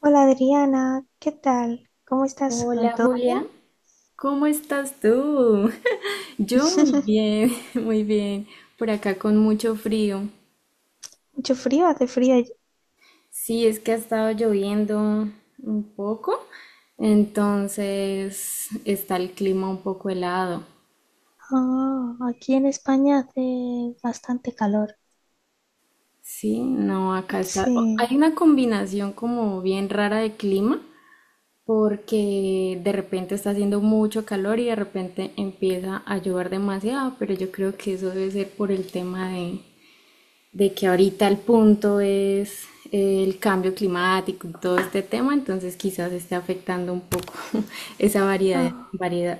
Hola Adriana, ¿qué tal? ¿Cómo estás hoy? Hola ¿Todo bien? Julia, ¿cómo estás tú? Yo muy bien, muy bien. Por acá con mucho frío. Mucho frío, ¿hace frío allí? Sí, es que ha estado lloviendo un poco, entonces está el clima un poco helado. Ah, aquí en España hace bastante calor. Sí, no, acá está. Sí, Hay una combinación como bien rara de clima porque de repente está haciendo mucho calor y de repente empieza a llover demasiado, pero yo creo que eso debe ser por el tema de que ahorita el punto es el cambio climático y todo este tema, entonces quizás esté afectando un poco esa variedad, ah, variedad.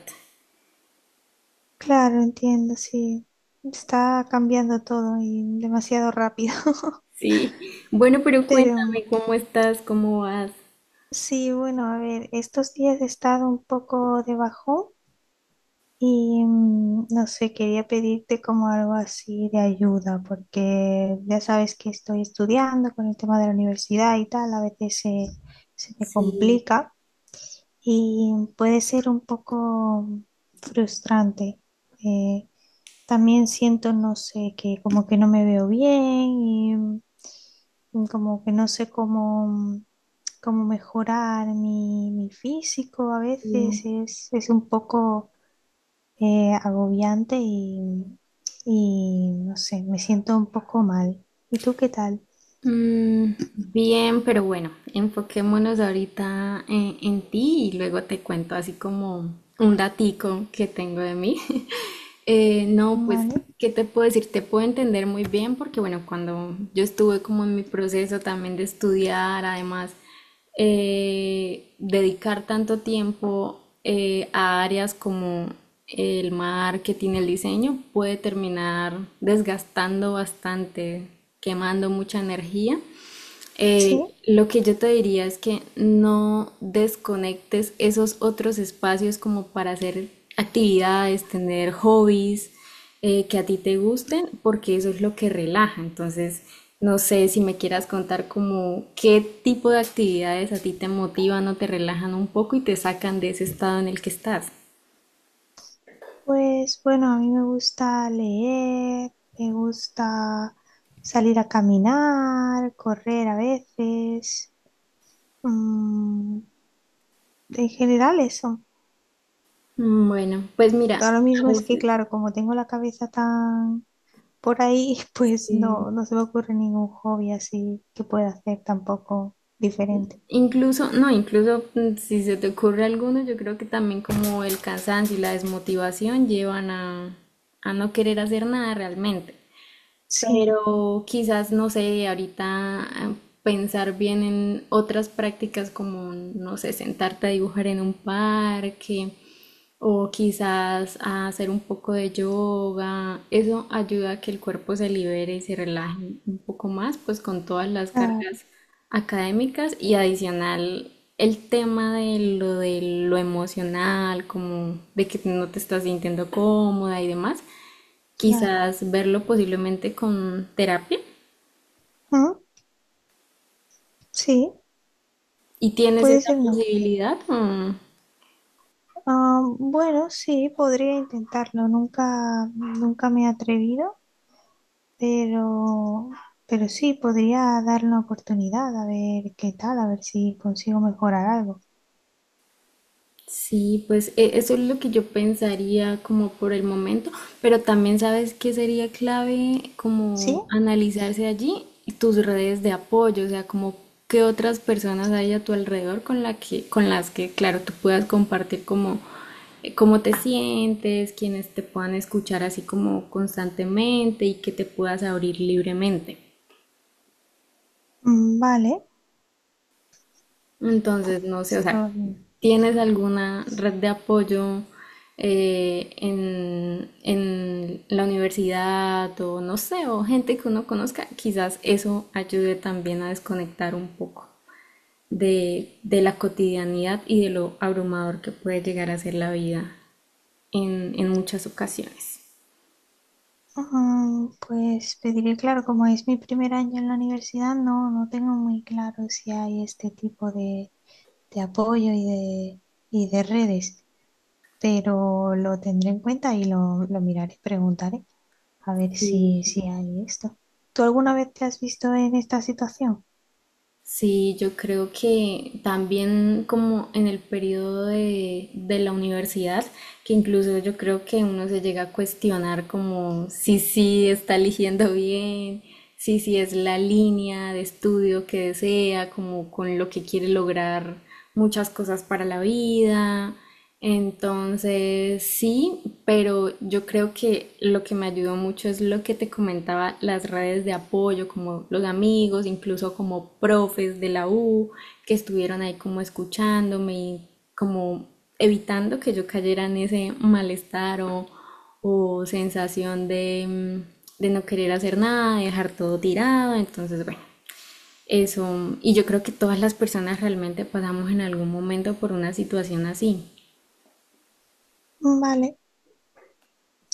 claro, entiendo, sí. Está cambiando todo y demasiado rápido. Sí, bueno, pero Pero cuéntame cómo estás, cómo vas. sí, bueno, a ver, estos días he estado un poco debajo. Y no sé, quería pedirte como algo así de ayuda, porque ya sabes que estoy estudiando con el tema de la universidad y tal, a veces se me Sí, complica y puede ser un poco frustrante. Eh, También siento, no sé, que como que no me veo bien y como que no sé cómo, cómo mejorar mi físico a veces, bien. Es un poco agobiante y no sé, me siento un poco mal. ¿Y tú qué tal? Bien, pero bueno, enfoquémonos ahorita en ti y luego te cuento así como un datico que tengo de mí. No, pues, Vale, ¿qué te puedo decir? Te puedo entender muy bien porque, bueno, cuando yo estuve como en mi proceso también de estudiar, además dedicar tanto tiempo a áreas como el marketing, el diseño, puede terminar desgastando bastante, quemando mucha energía. Sí, Lo que yo te diría es que no desconectes esos otros espacios como para hacer actividades, tener hobbies, que a ti te gusten, porque eso es lo que relaja. Entonces, no sé si me quieras contar como qué tipo de actividades a ti te motivan o te relajan un poco y te sacan de ese estado en el que estás. pues bueno, a mí me gusta leer, me gusta salir a caminar, correr a veces, mm, en general eso. Bueno, pues mira, Ahora a mismo es que, veces claro, como tengo la cabeza tan por ahí, pues sí. No se me ocurre ningún hobby así que pueda hacer tampoco diferente. Incluso, no, incluso si se te ocurre alguno, yo creo que también como el cansancio y la desmotivación llevan a no querer hacer nada realmente. Sí, Pero quizás, no sé, ahorita pensar bien en otras prácticas como, no sé, sentarte a dibujar en un parque o quizás a hacer un poco de yoga. Eso ayuda a que el cuerpo se libere y se relaje un poco más, pues con todas las claro, cargas académicas y adicional el tema de lo emocional, como de que no te estás sintiendo cómoda y demás claro. quizás verlo posiblemente con terapia. Mm, sí, ¿Y tienes puede esa ser una buena idea. posibilidad? Mm, Ah, bueno, sí, podría intentarlo. Nunca, nunca me he atrevido, pero, pero sí, podría dar una oportunidad a ver qué tal, a ver si consigo mejorar algo. sí, pues eso es lo que yo pensaría como por el momento, pero también sabes que sería clave ¿Sí? como analizarse allí tus redes de apoyo, o sea, como qué otras personas hay a tu alrededor con la que, con las que, claro, tú puedas compartir como cómo te sientes, quienes te puedan escuchar así como constantemente y que te puedas abrir libremente. Mm, vale. Entonces, no sé, o Esto, sea, ¿tienes alguna red de apoyo en la universidad o no sé, o gente que uno conozca? Quizás eso ayude también a desconectar un poco de la cotidianidad y de lo abrumador que puede llegar a ser la vida en muchas ocasiones. Pues pediré, claro, como es mi primer año en la universidad, no, no tengo muy claro si hay este tipo de apoyo y de redes. Pero lo tendré en cuenta y lo miraré, preguntaré a ver si hay esto. ¿Tú alguna vez te has visto en esta situación? Sí, yo creo que también como en el periodo de la universidad, que incluso yo creo que uno se llega a cuestionar como si sí está eligiendo bien, si sí es la línea de estudio que desea, como con lo que quiere lograr muchas cosas para la vida. Entonces, sí, pero yo creo que lo que me ayudó mucho es lo que te comentaba, las redes de apoyo, como los amigos, incluso como profes de la U, que estuvieron ahí como escuchándome y como evitando que yo cayera en ese malestar o sensación de, de no querer hacer nada, de dejar todo tirado. Entonces, bueno, eso. Y yo creo que todas las personas realmente pasamos en algún momento por una situación así. Vale,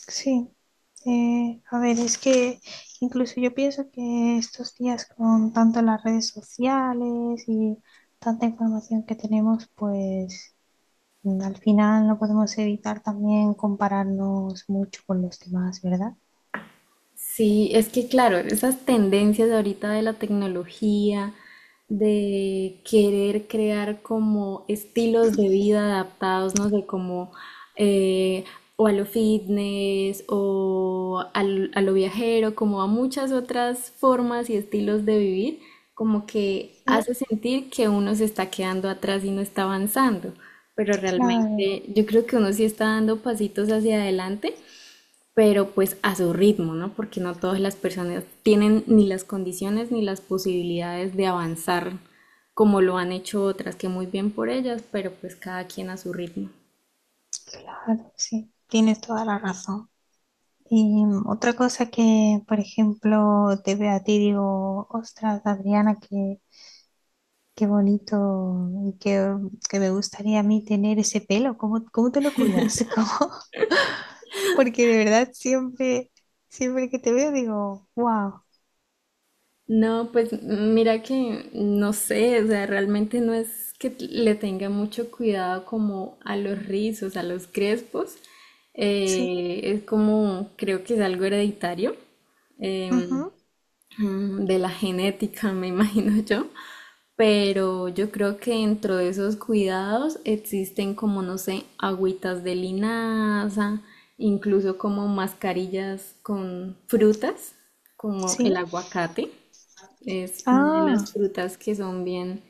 sí. A ver, es que incluso yo pienso que estos días con tanto las redes sociales y tanta información que tenemos, pues al final no podemos evitar también compararnos mucho con los demás, ¿verdad? Sí, es que claro, esas tendencias ahorita de la tecnología, de querer crear como estilos de vida adaptados, no sé, como eh, o a lo fitness o a lo viajero, como a muchas otras formas y estilos de vivir, como que Sí, hace sentir que uno se está quedando atrás y no está avanzando, pero claro, realmente yo creo que uno sí está dando pasitos hacia adelante pero pues a su ritmo, ¿no? Porque no todas las personas tienen ni las condiciones ni las posibilidades de avanzar como lo han hecho otras, que muy bien por ellas, pero pues cada quien a su ritmo. claro, sí. Tienes toda la razón. Y otra cosa que, por ejemplo, te veo a ti, digo, ostras, Adriana, qué bonito que me gustaría a mí tener ese pelo. ¿Cómo, cómo te lo cuidas? ¿Cómo? Porque de verdad siempre, siempre que te veo digo, wow, No, pues mira que no sé, o sea, realmente no es que le tenga mucho cuidado como a los rizos, a los crespos, sí, es como, creo que es algo hereditario. em, ujú, de la genética, me imagino yo, pero yo creo que dentro de esos cuidados existen como, no sé, agüitas de linaza, incluso como mascarillas con frutas, como sí, el aguacate. Es una de ah, las frutas que son bien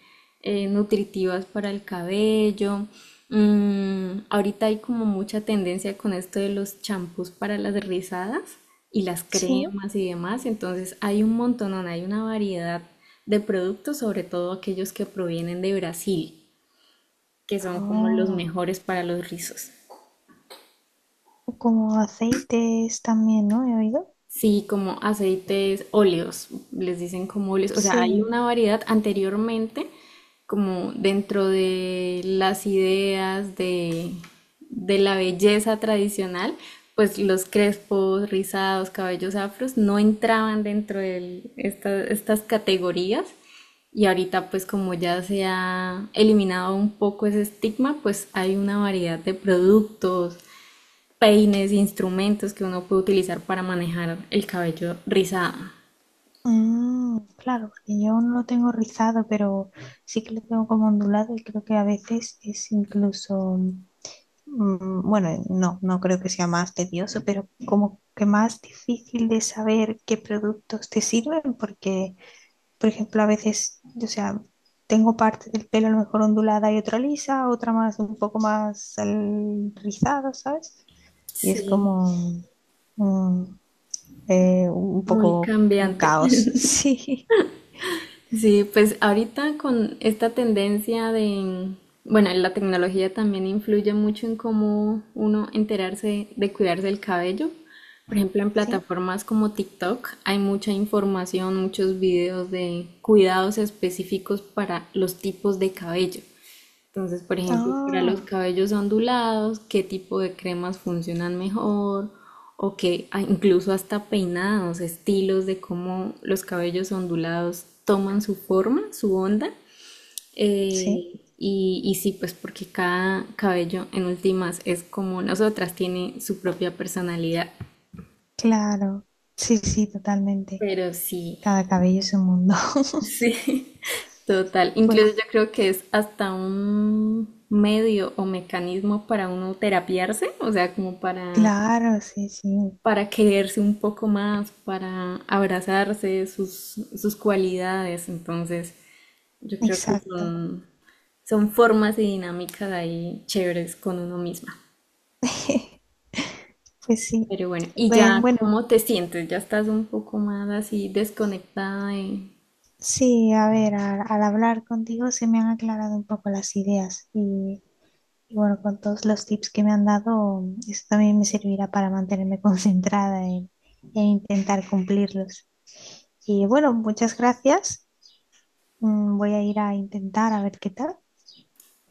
nutritivas para el cabello. Mm, ahorita hay como mucha tendencia con esto de los champús para las rizadas y las sí, cremas y demás. Entonces hay un montón, hay una variedad de productos, sobre todo aquellos que provienen de Brasil, que son como los oh, mejores para los rizos. como aceites también, ¿no? He oído. Sí, como aceites óleos, les dicen como óleos. O sea, hay Sí, una variedad anteriormente, como dentro de las ideas de la belleza tradicional, pues los crespos, rizados, cabellos afros no entraban dentro de estas categorías. Y ahorita, pues como ya se ha eliminado un poco ese estigma, pues hay una variedad de productos, peines, instrumentos que uno puede utilizar para manejar el cabello rizado. mm, claro, porque yo no lo tengo rizado, pero sí que lo tengo como ondulado y creo que a veces es incluso, mm, bueno, no, no creo que sea más tedioso, pero como que más difícil de saber qué productos te sirven, porque, por ejemplo, a veces, o sea, tengo parte del pelo a lo mejor ondulada y otra lisa, otra más, un poco más al- rizado, ¿sabes? Y es Sí, como mm, un muy poco un cambiante. caos, sí. Sí, pues ahorita con esta tendencia de, bueno, la tecnología también influye mucho en cómo uno enterarse de cuidarse el cabello. Por ejemplo, en Sí, plataformas como TikTok hay mucha información, muchos videos de cuidados específicos para los tipos de cabello. Entonces, por ejemplo, para los ah, cabellos ondulados, ¿qué tipo de cremas funcionan mejor? O que ah, incluso hasta peinados, estilos de cómo los cabellos ondulados toman su forma, su onda. sí, Y, y sí, pues porque cada cabello en últimas es como nosotras, tiene su propia personalidad. claro, sí, sí, totalmente. Pero sí, Cada cabello es un mundo. sí, total. Incluso yo Pues creo que es hasta un medio o mecanismo para uno terapiarse, o sea, como claro, sí, sí, para quererse un poco más, para abrazarse sus, sus cualidades. Entonces, yo creo que exacto. son, son formas y dinámicas ahí chéveres con uno misma. Pues sí, Pero bueno, ¿y pues ya bueno, cómo te sientes? ¿Ya estás un poco más así desconectada? Y sí, a ver, al hablar contigo se me han aclarado un poco las ideas y bueno, con todos los tips que me han dado, eso también me servirá para mantenerme concentrada en intentar cumplirlos. Y bueno, muchas gracias. Mm, voy a ir a intentar a ver qué tal.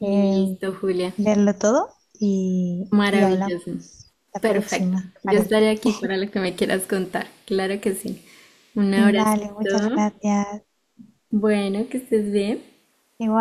eh, Julia. verlo todo y hablamos Maravilloso. la Perfecto. próxima, ¿te Yo estaré parece? aquí para lo que me quieras contar. Claro que sí. Un Vale, muchas abracito. gracias. Bueno, que estés bien. Igual.